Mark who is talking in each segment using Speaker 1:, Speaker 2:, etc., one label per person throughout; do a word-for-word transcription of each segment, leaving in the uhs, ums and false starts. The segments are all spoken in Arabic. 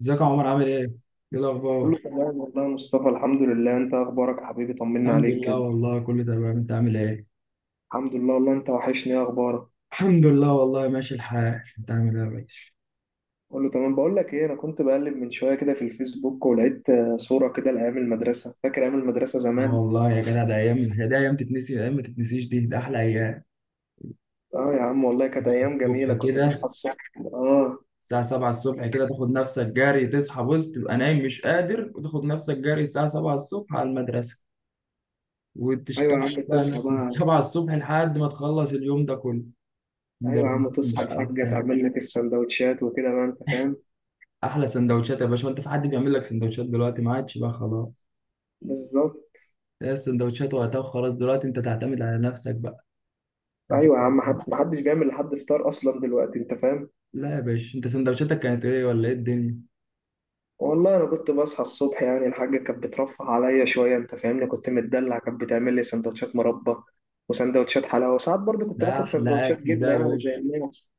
Speaker 1: ازيك يا عمر عامل ايه؟ ايه الاخبار؟
Speaker 2: كله تمام والله يا مصطفى، الحمد لله. انت اخبارك يا حبيبي؟ طمنا
Speaker 1: الحمد
Speaker 2: عليك
Speaker 1: لله
Speaker 2: كده.
Speaker 1: والله كله تمام انت عامل ايه؟
Speaker 2: الحمد لله والله. انت وحشني، ايه اخبارك؟
Speaker 1: الحمد لله والله ماشي الحال انت عامل ايه يا باشا؟
Speaker 2: كله تمام. بقول لك ايه، انا كنت بقلب من شويه كده في الفيسبوك، ولقيت آه، صوره كده لايام المدرسه. فاكر ايام المدرسه
Speaker 1: اه
Speaker 2: زمان؟
Speaker 1: والله يا جدع ده ايام، هي ده ايام تتنسي؟ ايام ما تتنسيش دي، ده احلى ايام.
Speaker 2: اه يا عم والله كانت ايام
Speaker 1: الصبح
Speaker 2: جميله، كنت
Speaker 1: كده
Speaker 2: تصحى الصبح اه.
Speaker 1: الساعة السابعة الصبح كده تاخد نفسك جري، تصحى بص تبقى نايم مش قادر وتاخد نفسك جري الساعة السابعة الصبح على المدرسة،
Speaker 2: ايوه
Speaker 1: وتشتغل
Speaker 2: يا عم
Speaker 1: بقى
Speaker 2: تصحى
Speaker 1: هناك من
Speaker 2: بقى.
Speaker 1: السابعة الصبح لحد ما تخلص اليوم ده كله.
Speaker 2: ايوه يا عم،
Speaker 1: مدرسين
Speaker 2: تصحى
Speaker 1: بقى
Speaker 2: الحاجه
Speaker 1: وبتاع.
Speaker 2: تعمل لك السندوتشات وكده بقى، انت فاهم.
Speaker 1: احلى سندوتشات يا باشا، وانت في حد بيعمل لك سندوتشات دلوقتي؟ ما عادش بقى خلاص.
Speaker 2: بالظبط.
Speaker 1: هي السندوتشات وقتها وخلاص، دلوقتي انت تعتمد على نفسك بقى. مفيش-
Speaker 2: ايوه يا عم، حد- محدش بيعمل لحد فطار اصلا دلوقتي، انت فاهم.
Speaker 1: لا يا باشا، انت سندوتشاتك كانت ايه ولا ايه الدنيا؟
Speaker 2: والله انا كنت بصحى الصبح، يعني الحاجه كانت بترفه عليا شويه، انت فاهمني، كنت متدلع، كانت بتعمل لي سندوتشات مربى وسندوتشات حلاوه، وساعات برضو كنت
Speaker 1: ده
Speaker 2: باخد
Speaker 1: احلى
Speaker 2: سندوتشات
Speaker 1: اكل ده
Speaker 2: جبنه
Speaker 1: يا
Speaker 2: يعني زي
Speaker 1: باشا.
Speaker 2: الناس.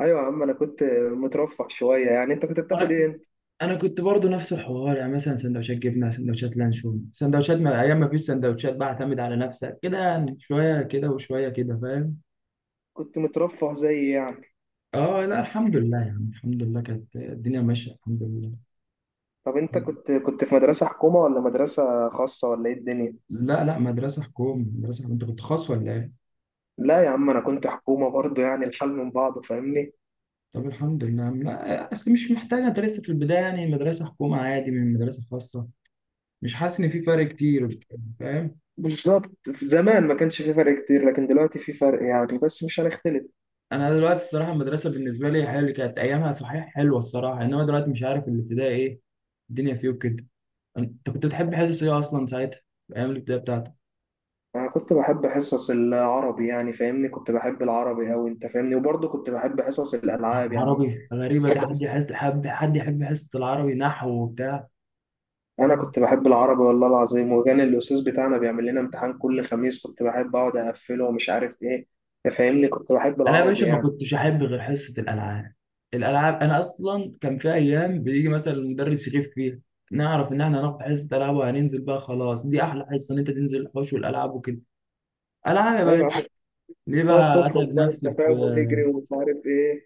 Speaker 2: ايوه يا عم انا كنت مترفه شويه يعني، انت كنت
Speaker 1: انا
Speaker 2: بتاخد ايه
Speaker 1: كنت
Speaker 2: انت؟
Speaker 1: انا كنت برضه نفس الحوار، يعني مثلا سندوتشات جبنه، سندوتشات لانشون، سندوتشات، ما ايام ما فيش سندوتشات بقى اعتمد على نفسك كده، يعني شويه كده وشويه كده، فاهم.
Speaker 2: كنت مترفه زي إيه يعني؟
Speaker 1: اه لا الحمد لله، يعني الحمد لله كانت الدنيا ماشيه الحمد لله.
Speaker 2: طب انت كنت كنت في مدرسه حكومه ولا مدرسه خاصه ولا ايه الدنيا؟
Speaker 1: لا لا، مدرسه حكومي مدرسه حكومي. انت كنت خاص ولا ايه؟
Speaker 2: لا يا عم انا كنت حكومه برضو، يعني الحال من بعضه، فاهمني.
Speaker 1: طب الحمد لله. لا اصل مش محتاجه، انت لسه في البدايه، يعني مدرسه حكومه عادي من مدرسه خاصه، مش حاسس ان في فرق كتير، فاهم.
Speaker 2: بالظبط. زمان ما كانش في فرق كتير، لكن دلوقتي في فرق يعني، بس مش هنختلف.
Speaker 1: انا دلوقتي الصراحه المدرسه بالنسبه لي حلوه، كانت ايامها صحيح حلوه الصراحه، انما دلوقتي مش عارف الابتدائي ايه الدنيا فيه وكده. انت كنت بتحب حصص ايه اصلا ساعتها، في ايام الابتدائي بتاعتك؟
Speaker 2: انا كنت بحب حصص العربي يعني، فاهمني، كنت بحب العربي أوي، انت فاهمني، وبرضه كنت بحب حصص
Speaker 1: يعني
Speaker 2: الالعاب يعني.
Speaker 1: عربي غريبه دي،
Speaker 2: بحب
Speaker 1: حد
Speaker 2: حص-
Speaker 1: يحس حب، حد يحب حصه العربي نحو وبتاع؟
Speaker 2: انا كنت بحب العربي والله العظيم، وكان الاستاذ بتاعنا بيعمل لنا امتحان كل خميس، كنت بحب اقعد اقفله ومش عارف ايه. انت فاهمني، كنت بحب
Speaker 1: انا يا باشا
Speaker 2: العربي
Speaker 1: ما
Speaker 2: يعني.
Speaker 1: كنتش احب غير حصه الالعاب. الالعاب، انا اصلا كان في ايام بيجي مثلا المدرس يغيب فيها، نعرف ان احنا هناخد حصه العاب وهننزل بقى، خلاص دي احلى حصه ان انت تنزل الحوش والالعاب وكده. العاب يا
Speaker 2: ايوه يا
Speaker 1: باشا.
Speaker 2: عم،
Speaker 1: ليه
Speaker 2: تقعد
Speaker 1: بقى
Speaker 2: تفرق
Speaker 1: اتعب
Speaker 2: بقى انت
Speaker 1: نفسي
Speaker 2: فاهم، وتجري
Speaker 1: في؟
Speaker 2: ومش عارف ايه.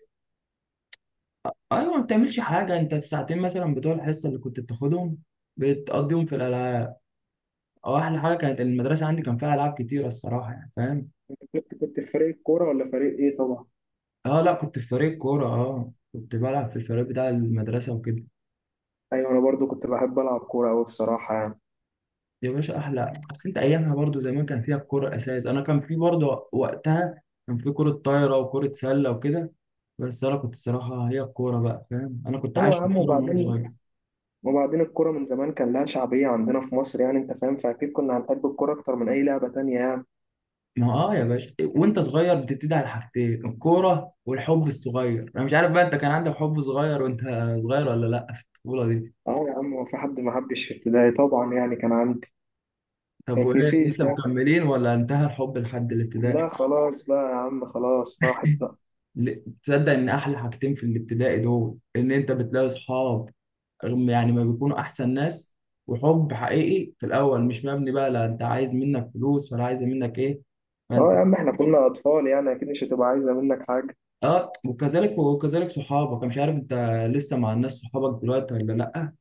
Speaker 1: آه، ايوه ما بتعملش حاجه انت، الساعتين مثلا بتوع الحصه اللي كنت بتاخدهم بتقضيهم في الالعاب. اه احلى حاجه، كانت المدرسه عندي كان فيها العاب كتيره الصراحه، يعني فاهم.
Speaker 2: انت كنت كنت في فريق كوره ولا فريق ايه طبعا؟
Speaker 1: اه لا، كنت في فريق كوره، اه كنت بلعب في الفريق بتاع المدرسه وكده.
Speaker 2: ايوه انا برضه كنت بحب العب كوره أوي بصراحه يعني.
Speaker 1: يا باشا احلى، اصل انت ايامها برضو زمان كان فيها الكوره اساس، انا كان في برضو وقتها كان في كوره طايره وكوره سله وكده، بس انا كنت صراحه هي الكوره بقى، فاهم انا كنت
Speaker 2: ايوه
Speaker 1: عايش
Speaker 2: يا
Speaker 1: في
Speaker 2: عم
Speaker 1: الكوره من وانا
Speaker 2: وبعدين،
Speaker 1: صغير.
Speaker 2: وبعدين الكرة من زمان كان لها شعبية عندنا في مصر، يعني أنت فاهم، فأكيد كنا هنحب الكرة أكتر من أي لعبة تانية يعني.
Speaker 1: ما هو اه يا باشا، وانت صغير بتبتدي على حاجتين: الكوره والحب الصغير. انا مش عارف بقى، انت كان عندك حب صغير وانت صغير ولا لا في الطفوله دي؟
Speaker 2: أه يا عم، هو في حد ما حبش في ابتدائي طبعا، يعني كان عندي. ما
Speaker 1: طب وايه،
Speaker 2: يتنسيش
Speaker 1: لسه
Speaker 2: ده.
Speaker 1: مكملين ولا انتهى الحب لحد الابتدائي؟
Speaker 2: لا خلاص بقى يا عم، خلاص راحت بقى.
Speaker 1: ل- تصدق ان احلى حاجتين في الابتدائي دول، ان انت بتلاقي اصحاب هم يعني ما بيكونوا احسن ناس، وحب حقيقي في الاول مش مبني بقى لا انت عايز منك فلوس ولا عايز منك ايه،
Speaker 2: أه
Speaker 1: فانت.
Speaker 2: يا عم، إحنا كنا أطفال يعني، أكيد مش هتبقى عايزة منك حاجة.
Speaker 1: اه وكذلك وكذلك صحابك، أنا مش عارف انت لسه مع الناس صحابك دلوقتي ولا لا.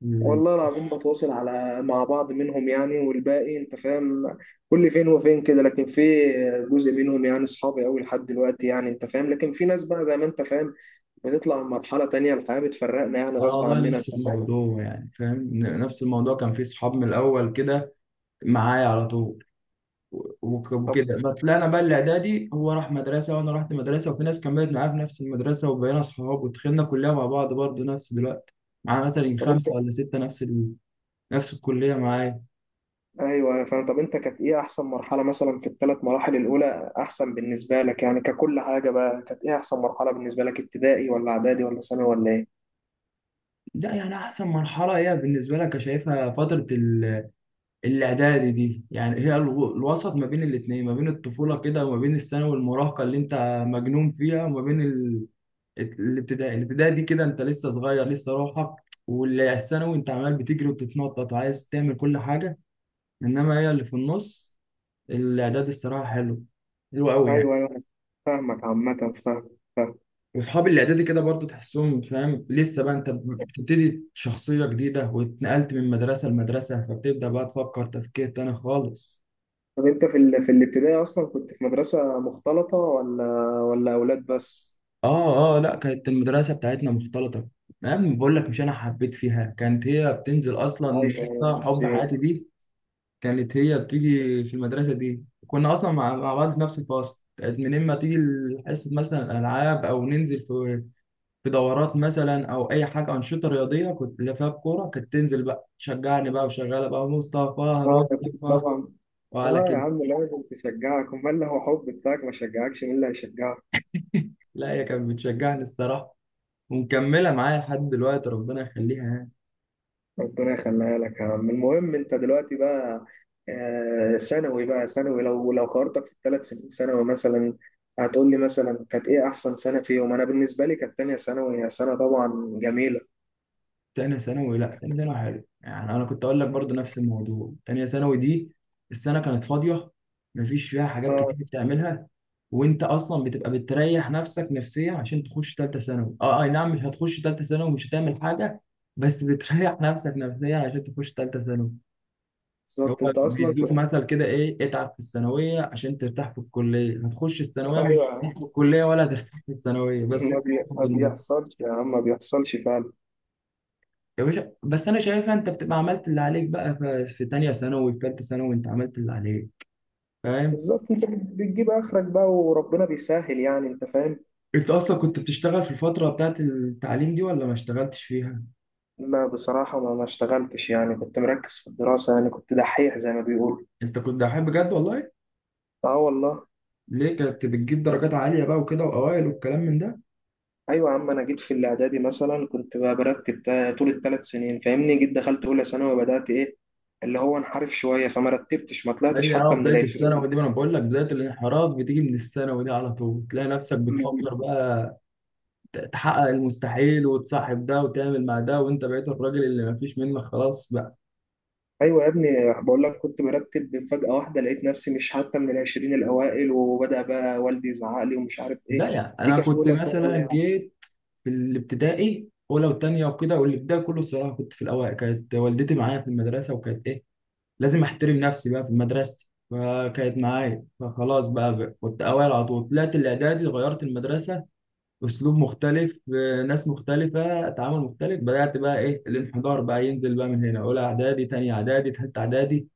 Speaker 1: مم.
Speaker 2: والله العظيم بتواصل على مع بعض منهم يعني، والباقي أنت فاهم، كل فين وفين كده، لكن في جزء منهم يعني أصحابي أوي لحد دلوقتي يعني، أنت فاهم، لكن في ناس بقى زي ما أنت فاهم، بنطلع من مرحلة تانية، الحياة بتفرقنا يعني
Speaker 1: اه
Speaker 2: غصب
Speaker 1: والله
Speaker 2: عننا، انت
Speaker 1: نفس
Speaker 2: فاهم.
Speaker 1: الموضوع، يعني فاهم، ن- نفس الموضوع كان في صحاب من الاول كده معايا على طول و- وك-
Speaker 2: طب
Speaker 1: وكده. بس لا انا بقى الاعدادي هو راح مدرسه وانا رحت مدرسه، وفي ناس كملت معايا في نفس المدرسه وبقينا صحاب، ودخلنا كليه مع بعض برضه، نفس دلوقتي معانا مثلا
Speaker 2: طب انت
Speaker 1: خمسه ولا سته نفس نفس الكلية معايا.
Speaker 2: ايوه انا فاهم. طب انت، كانت ايه احسن مرحلة مثلا في الثلاث مراحل الاولى احسن بالنسبة لك يعني، ككل حاجة بقى كانت ايه احسن مرحلة بالنسبة لك، ابتدائي ولا اعدادي ولا ثانوي ولا ايه؟
Speaker 1: لا يعني أحسن مرحلة هي بالنسبة لك شايفها فترة ال- الإعدادي دي، يعني هي الو- الوسط ما بين الاتنين، ما بين الطفولة كده وما بين الثانوي والمراهقة اللي أنت مجنون فيها، وما بين ال- الابتدائي. الابتدائي دي كده أنت لسه صغير لسه روحك، والثانوي أنت عمال بتجري وبتتنطط وعايز تعمل كل حاجة، إنما هي اللي في النص، الإعدادي الصراحة حلو، حلو أوي يعني.
Speaker 2: ايوه ايوه أنا فاهمك، عامة فاهم فاهم.
Speaker 1: واصحاب الاعدادي كده برضو تحسهم، فاهم لسه بقى انت بتبتدي شخصيه جديده، واتنقلت من مدرسه لمدرسه فبتبدا بقى تفكر تفكير تاني خالص.
Speaker 2: طب انت في ال... في الابتدائي اصلا كنت في مدرسة مختلطة، ولا ولا اولاد بس؟
Speaker 1: اه اه لا، كانت المدرسه بتاعتنا مختلطه. انا بقول لك، مش انا حبيت فيها كانت هي بتنزل
Speaker 2: ايوه
Speaker 1: اصلا،
Speaker 2: أيوة،
Speaker 1: حب
Speaker 2: نسيت.
Speaker 1: حياتي دي كانت هي بتيجي في المدرسه دي، كنا اصلا مع مع بعض في نفس الفصل، كانت من اما تيجي حصه مثلا العاب او ننزل في في دورات مثلا او اي حاجه انشطه رياضيه، كنت اللي فيها الكوره، كانت تنزل بقى تشجعني بقى وشغاله بقى: مصطفى،
Speaker 2: اه أكيد
Speaker 1: مصطفى،
Speaker 2: طبعا.
Speaker 1: وعلى
Speaker 2: اه يا
Speaker 1: كده.
Speaker 2: عم لازم تشجعك، امال لو حب بتاعك ما شجعكش مين اللي هيشجعك.
Speaker 1: لا هي كانت بتشجعني الصراحه، ومكمله معايا لحد دلوقتي، ربنا يخليها يعني.
Speaker 2: ربنا يخليها لك يا عم. المهم انت دلوقتي بقى آه، ثانوي بقى. ثانوي، لو لو قارنتك في الثلاث سنين ثانوي مثلا، هتقول لي مثلا كانت ايه احسن سنه فيهم؟ انا بالنسبه لي كانت تانية ثانوي، هي سنه طبعا جميله.
Speaker 1: تانية ثانوي، لا تانية ثانوي حلو، يعني انا كنت اقول لك برضو نفس الموضوع، تانية ثانوي دي السنة كانت فاضية، مفيش فيها حاجات كتير
Speaker 2: اه
Speaker 1: بتعملها، وانت اصلا بتبقى بتريح نفسك نفسيا عشان تخش تالتة ثانوي. اه آه، اي نعم، مش هتخش تالتة ثانوي ومش هتعمل حاجة، بس بتريح نفسك نفسيا عشان تخش تالتة ثانوي. هو
Speaker 2: بالظبط. انت اصلا
Speaker 1: بيدوك
Speaker 2: كنت.
Speaker 1: مثل كده: ايه، اتعب في الثانوية عشان ترتاح في الكلية؟ هتخش الثانوية مش
Speaker 2: ايوه يا
Speaker 1: هترتاح في
Speaker 2: عم.
Speaker 1: الكلية، ولا هترتاح في الثانوية بس.
Speaker 2: ما بي- ما بيحصلش يا عم، ما بيحصلش فعلا.
Speaker 1: يا باشا بس انا شايفها انت بتبقى عملت اللي عليك بقى، ف- في تانية ثانوي في تالتة ثانوي انت عملت اللي عليك، فاهم.
Speaker 2: بالظبط. انت بتجيب اخرك بقى وربنا بيسهل يعني، انت فاهم.
Speaker 1: انت اصلا كنت بتشتغل في الفترة بتاعت التعليم دي ولا ما اشتغلتش فيها؟
Speaker 2: ما بصراحه ما ما اشتغلتش يعني، كنت مركز في الدراسه يعني، كنت دحيح زي ما بيقولوا.
Speaker 1: انت كنت دحيح بجد والله؟
Speaker 2: اه والله.
Speaker 1: ليه كنت بتجيب درجات عالية بقى وكده، واوائل والكلام من ده؟
Speaker 2: ايوه يا عم، انا جيت في الاعدادي مثلا كنت بقى برتب تا- طول الثلاث سنين فاهمني، جيت دخلت اولى ثانوي وبدات ايه، اللي هو انحرف شويه، فما رتبتش، ما طلعتش
Speaker 1: هي اه
Speaker 2: حتى من
Speaker 1: بداية
Speaker 2: العشرين.
Speaker 1: الثانوي دي، ما انا بقول لك بداية الانحراف بتيجي من الثانوي دي، على طول تلاقي نفسك بتفكر
Speaker 2: م-
Speaker 1: بقى ت- تحقق المستحيل، وتصاحب ده وتعمل مع ده، وانت بقيت الراجل اللي ما فيش منك خلاص بقى.
Speaker 2: ايوه يا ابني، بقول لك كنت برتب، فجاه واحده لقيت نفسي مش حتى من العشرين الاوائل، وبدا بقى والدي يزعق لي ومش عارف
Speaker 1: ده
Speaker 2: ايه.
Speaker 1: يعني
Speaker 2: دي
Speaker 1: انا
Speaker 2: كانت
Speaker 1: كنت
Speaker 2: اولى ثانوي
Speaker 1: مثلا
Speaker 2: يعني.
Speaker 1: جيت في الابتدائي اولى وثانيه وكده، والابتدائي كله الصراحه كنت في الاوائل، كانت والدتي معايا في المدرسه وكانت ايه لازم احترم نفسي بقى في مدرستي، فكانت معايا فخلاص بقى, بقى كنت اوائل على طول. طلعت الاعدادي غيرت المدرسه، اسلوب مختلف، آه، ناس مختلفه، تعامل مختلف، بدات بقى ايه الانحدار بقى ينزل بقى من هنا، اولى اعدادي، ثانيه اعدادي، ثالثه اعدادي،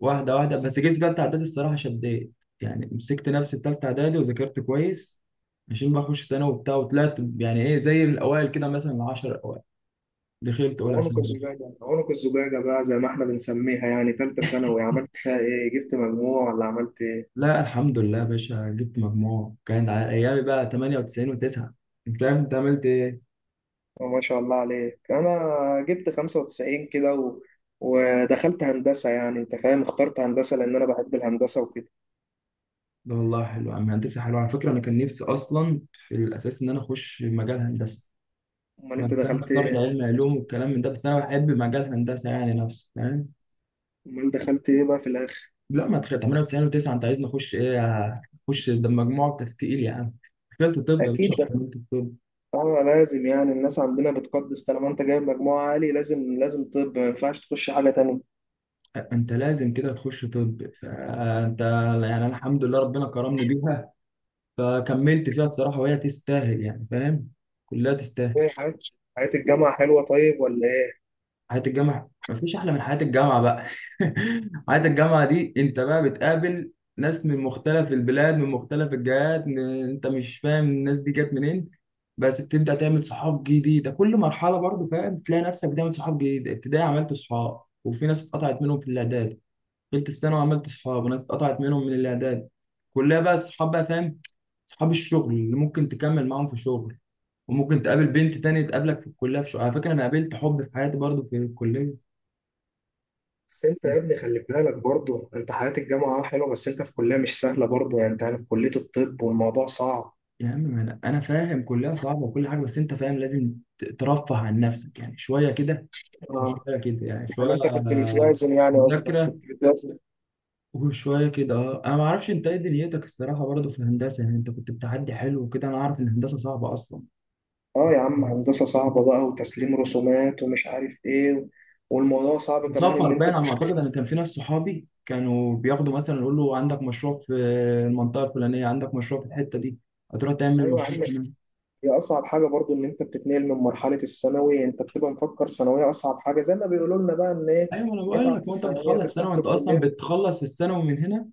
Speaker 1: واحدة واحدة. بس جبت تالتة إعدادي الصراحة شديت، يعني مسكت نفسي في تالتة إعدادي وذاكرت كويس عشان بقى أخش ثانوي وبتاع، وطلعت يعني إيه زي الأوائل كده مثلا العشر الأوائل، دخلت أولى
Speaker 2: عنق
Speaker 1: ثانوي.
Speaker 2: الزجاجه عنق الزجاجه بقى زي ما احنا بنسميها يعني. ثالثه ثانوي عملت فيها ايه؟ جبت مجموع ولا عملت؟
Speaker 1: لا الحمد لله يا باشا، جبت مجموع كان على أيامي بقى ثمانية وتسعين و9. أنت فاهم، أنت عملت إيه؟
Speaker 2: ما شاء الله عليك. انا جبت خمسة وتسعين كده و... ودخلت هندسه يعني، انت فاهم، اخترت هندسه لان انا بحب الهندسه وكده.
Speaker 1: لا والله حلو يا عم، هندسة حلوة على فكرة، أنا كان نفسي أصلا في الأساس إن أنا أخش مجال هندسة،
Speaker 2: امال
Speaker 1: بس
Speaker 2: انت
Speaker 1: أنا
Speaker 2: دخلت
Speaker 1: اخترت
Speaker 2: ايه؟
Speaker 1: علم علوم والكلام من ده، بس أنا بحب مجال هندسة يعني نفسه، فاهم.
Speaker 2: امال دخلت ايه بقى في الاخر؟
Speaker 1: لا ما تخيل، ثمانية وتسعين و9 انت عايزني اخش ايه؟ اخش ده مجموعك تقيل يا عم، دخلت طب يا
Speaker 2: اكيد
Speaker 1: باشا
Speaker 2: دخلت.
Speaker 1: وكملت الطب.
Speaker 2: اه لازم يعني، الناس عندنا بتقدس طالما انت جايب مجموعه عالي، لازم لازم طب ما ينفعش تخش حاجه تانية.
Speaker 1: انت لازم كده تخش طب، فانت يعني انا الحمد لله ربنا كرمني بيها، فكملت فيها بصراحه وهي تستاهل يعني، فاهم كلها تستاهل.
Speaker 2: ايه حياه، حياه الجامعه حلوه طيب ولا ايه؟
Speaker 1: حياة الجامعة مفيش أحلى من حياة الجامعة بقى. حياة الجامعة دي أنت بقى بتقابل ناس من مختلف البلاد، من مختلف الجهات، من... أنت مش فاهم الناس دي جت منين. بس بتبدأ تعمل صحاب جديدة كل مرحلة برضو، فاهم تلاقي نفسك بتعمل صحاب جديدة، ابتدائي عملت صحاب وفي ناس اتقطعت منهم في الإعداد، تالتة ثانوي عملت صحاب وناس اتقطعت منهم من الإعداد، كلها بقى الصحاب بقى فاهم، صحاب الشغل اللي ممكن تكمل معاهم في الشغل، وممكن تقابل بنت تانية تقابلك في الكلية في شغل. على فكرة أنا قابلت حب في حياتي برضو في الكلية.
Speaker 2: بس انت
Speaker 1: يا
Speaker 2: يا ابني خلي بالك برضه، انت حياه الجامعه اه حلوه، بس انت في كليه مش سهله برضه يعني، انت في كليه الطب والموضوع صعب.
Speaker 1: عم ما انا أنا فاهم كلها صعبه وكل حاجه، بس انت فاهم لازم ت- ترفه عن نفسك يعني شويه كده وشويه كده، يعني
Speaker 2: يعني
Speaker 1: شويه
Speaker 2: انت كنت
Speaker 1: آه،
Speaker 2: بتوازن يعني، قصدك
Speaker 1: مذاكره
Speaker 2: كنت بتوازن.
Speaker 1: وشويه كده. اه انا ما اعرفش انت ايه دنيتك الصراحه برضه في الهندسه، يعني انت كنت بتعدي حلو وكده، انا عارف ان الهندسه صعبه اصلا،
Speaker 2: اه يا عم، هندسة صعبة بقى وتسليم رسومات ومش عارف ايه و... والموضوع صعب كمان
Speaker 1: سفر
Speaker 2: ان انت
Speaker 1: باين
Speaker 2: بت...
Speaker 1: على ما اعتقد، انا كان في ناس صحابي كانوا بياخدوا مثلا، يقول له عندك مشروع في المنطقه الفلانيه، عندك مشروع في الحته دي، هتروح تعمل
Speaker 2: ايوه يا
Speaker 1: مشروع
Speaker 2: عم.
Speaker 1: هنا.
Speaker 2: هي اصعب حاجة برضو ان انت بتتنقل من مرحلة الثانوي، انت بتبقى مفكر ثانوية اصعب حاجة زي ما بيقولوا لنا بقى، ان ايه،
Speaker 1: ايوه انا بقول
Speaker 2: اتعب
Speaker 1: لك،
Speaker 2: في
Speaker 1: وانت
Speaker 2: الثانوية
Speaker 1: بتخلص
Speaker 2: ترتاح
Speaker 1: سنه
Speaker 2: في
Speaker 1: وانت اصلا
Speaker 2: الكلية.
Speaker 1: بتخلص الثانوي من هنا،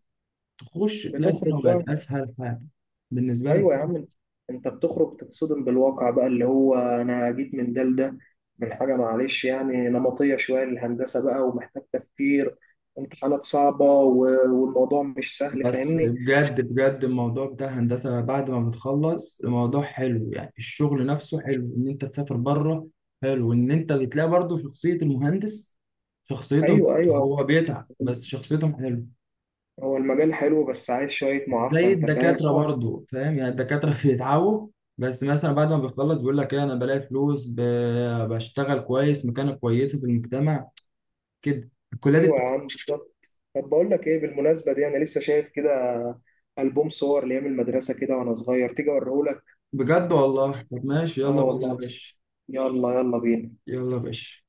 Speaker 1: تخش تلاقي السينما
Speaker 2: بتخرج بقى.
Speaker 1: بقت اسهل حاجه بالنسبه لك.
Speaker 2: ايوه يا عم انت. أنت بتخرج تتصدم بالواقع بقى، اللي هو انا جيت من ده لده، من حاجه معلش يعني نمطيه شويه للهندسه بقى ومحتاج تفكير، امتحانات صعبه و- والموضوع مش سهل
Speaker 1: بس
Speaker 2: فاهمني.
Speaker 1: بجد بجد، الموضوع بتاع الهندسه بعد ما بتخلص الموضوع حلو يعني، الشغل نفسه حلو ان انت تسافر بره، حلو ان انت بتلاقي برضه شخصيه المهندس، شخصيتهم،
Speaker 2: ايوه ايوه
Speaker 1: هو بيتعب بس شخصيتهم حلو.
Speaker 2: هو المجال حلو بس عايز شويه معافره،
Speaker 1: زي
Speaker 2: انت فاهم
Speaker 1: الدكاتره
Speaker 2: اه.
Speaker 1: برضه فاهم، يعني الدكاتره بيتعبوا، بس مثلا بعد ما بيخلص بيقول لك ايه، انا بلاقي فلوس، ب- بشتغل كويس، مكانه كويسه في المجتمع، كده الكليات.
Speaker 2: ايوه يا عم بالظبط. طب بقول لك ايه، بالمناسبه دي انا لسه شايف كده البوم صور لايام المدرسه كده وانا صغير، تيجي اوريهولك؟
Speaker 1: بجد والله، طب ماشي
Speaker 2: اه
Speaker 1: يلا بينا يا
Speaker 2: والله.
Speaker 1: باشا.
Speaker 2: يلا يلا بينا.
Speaker 1: يلا يا باشا.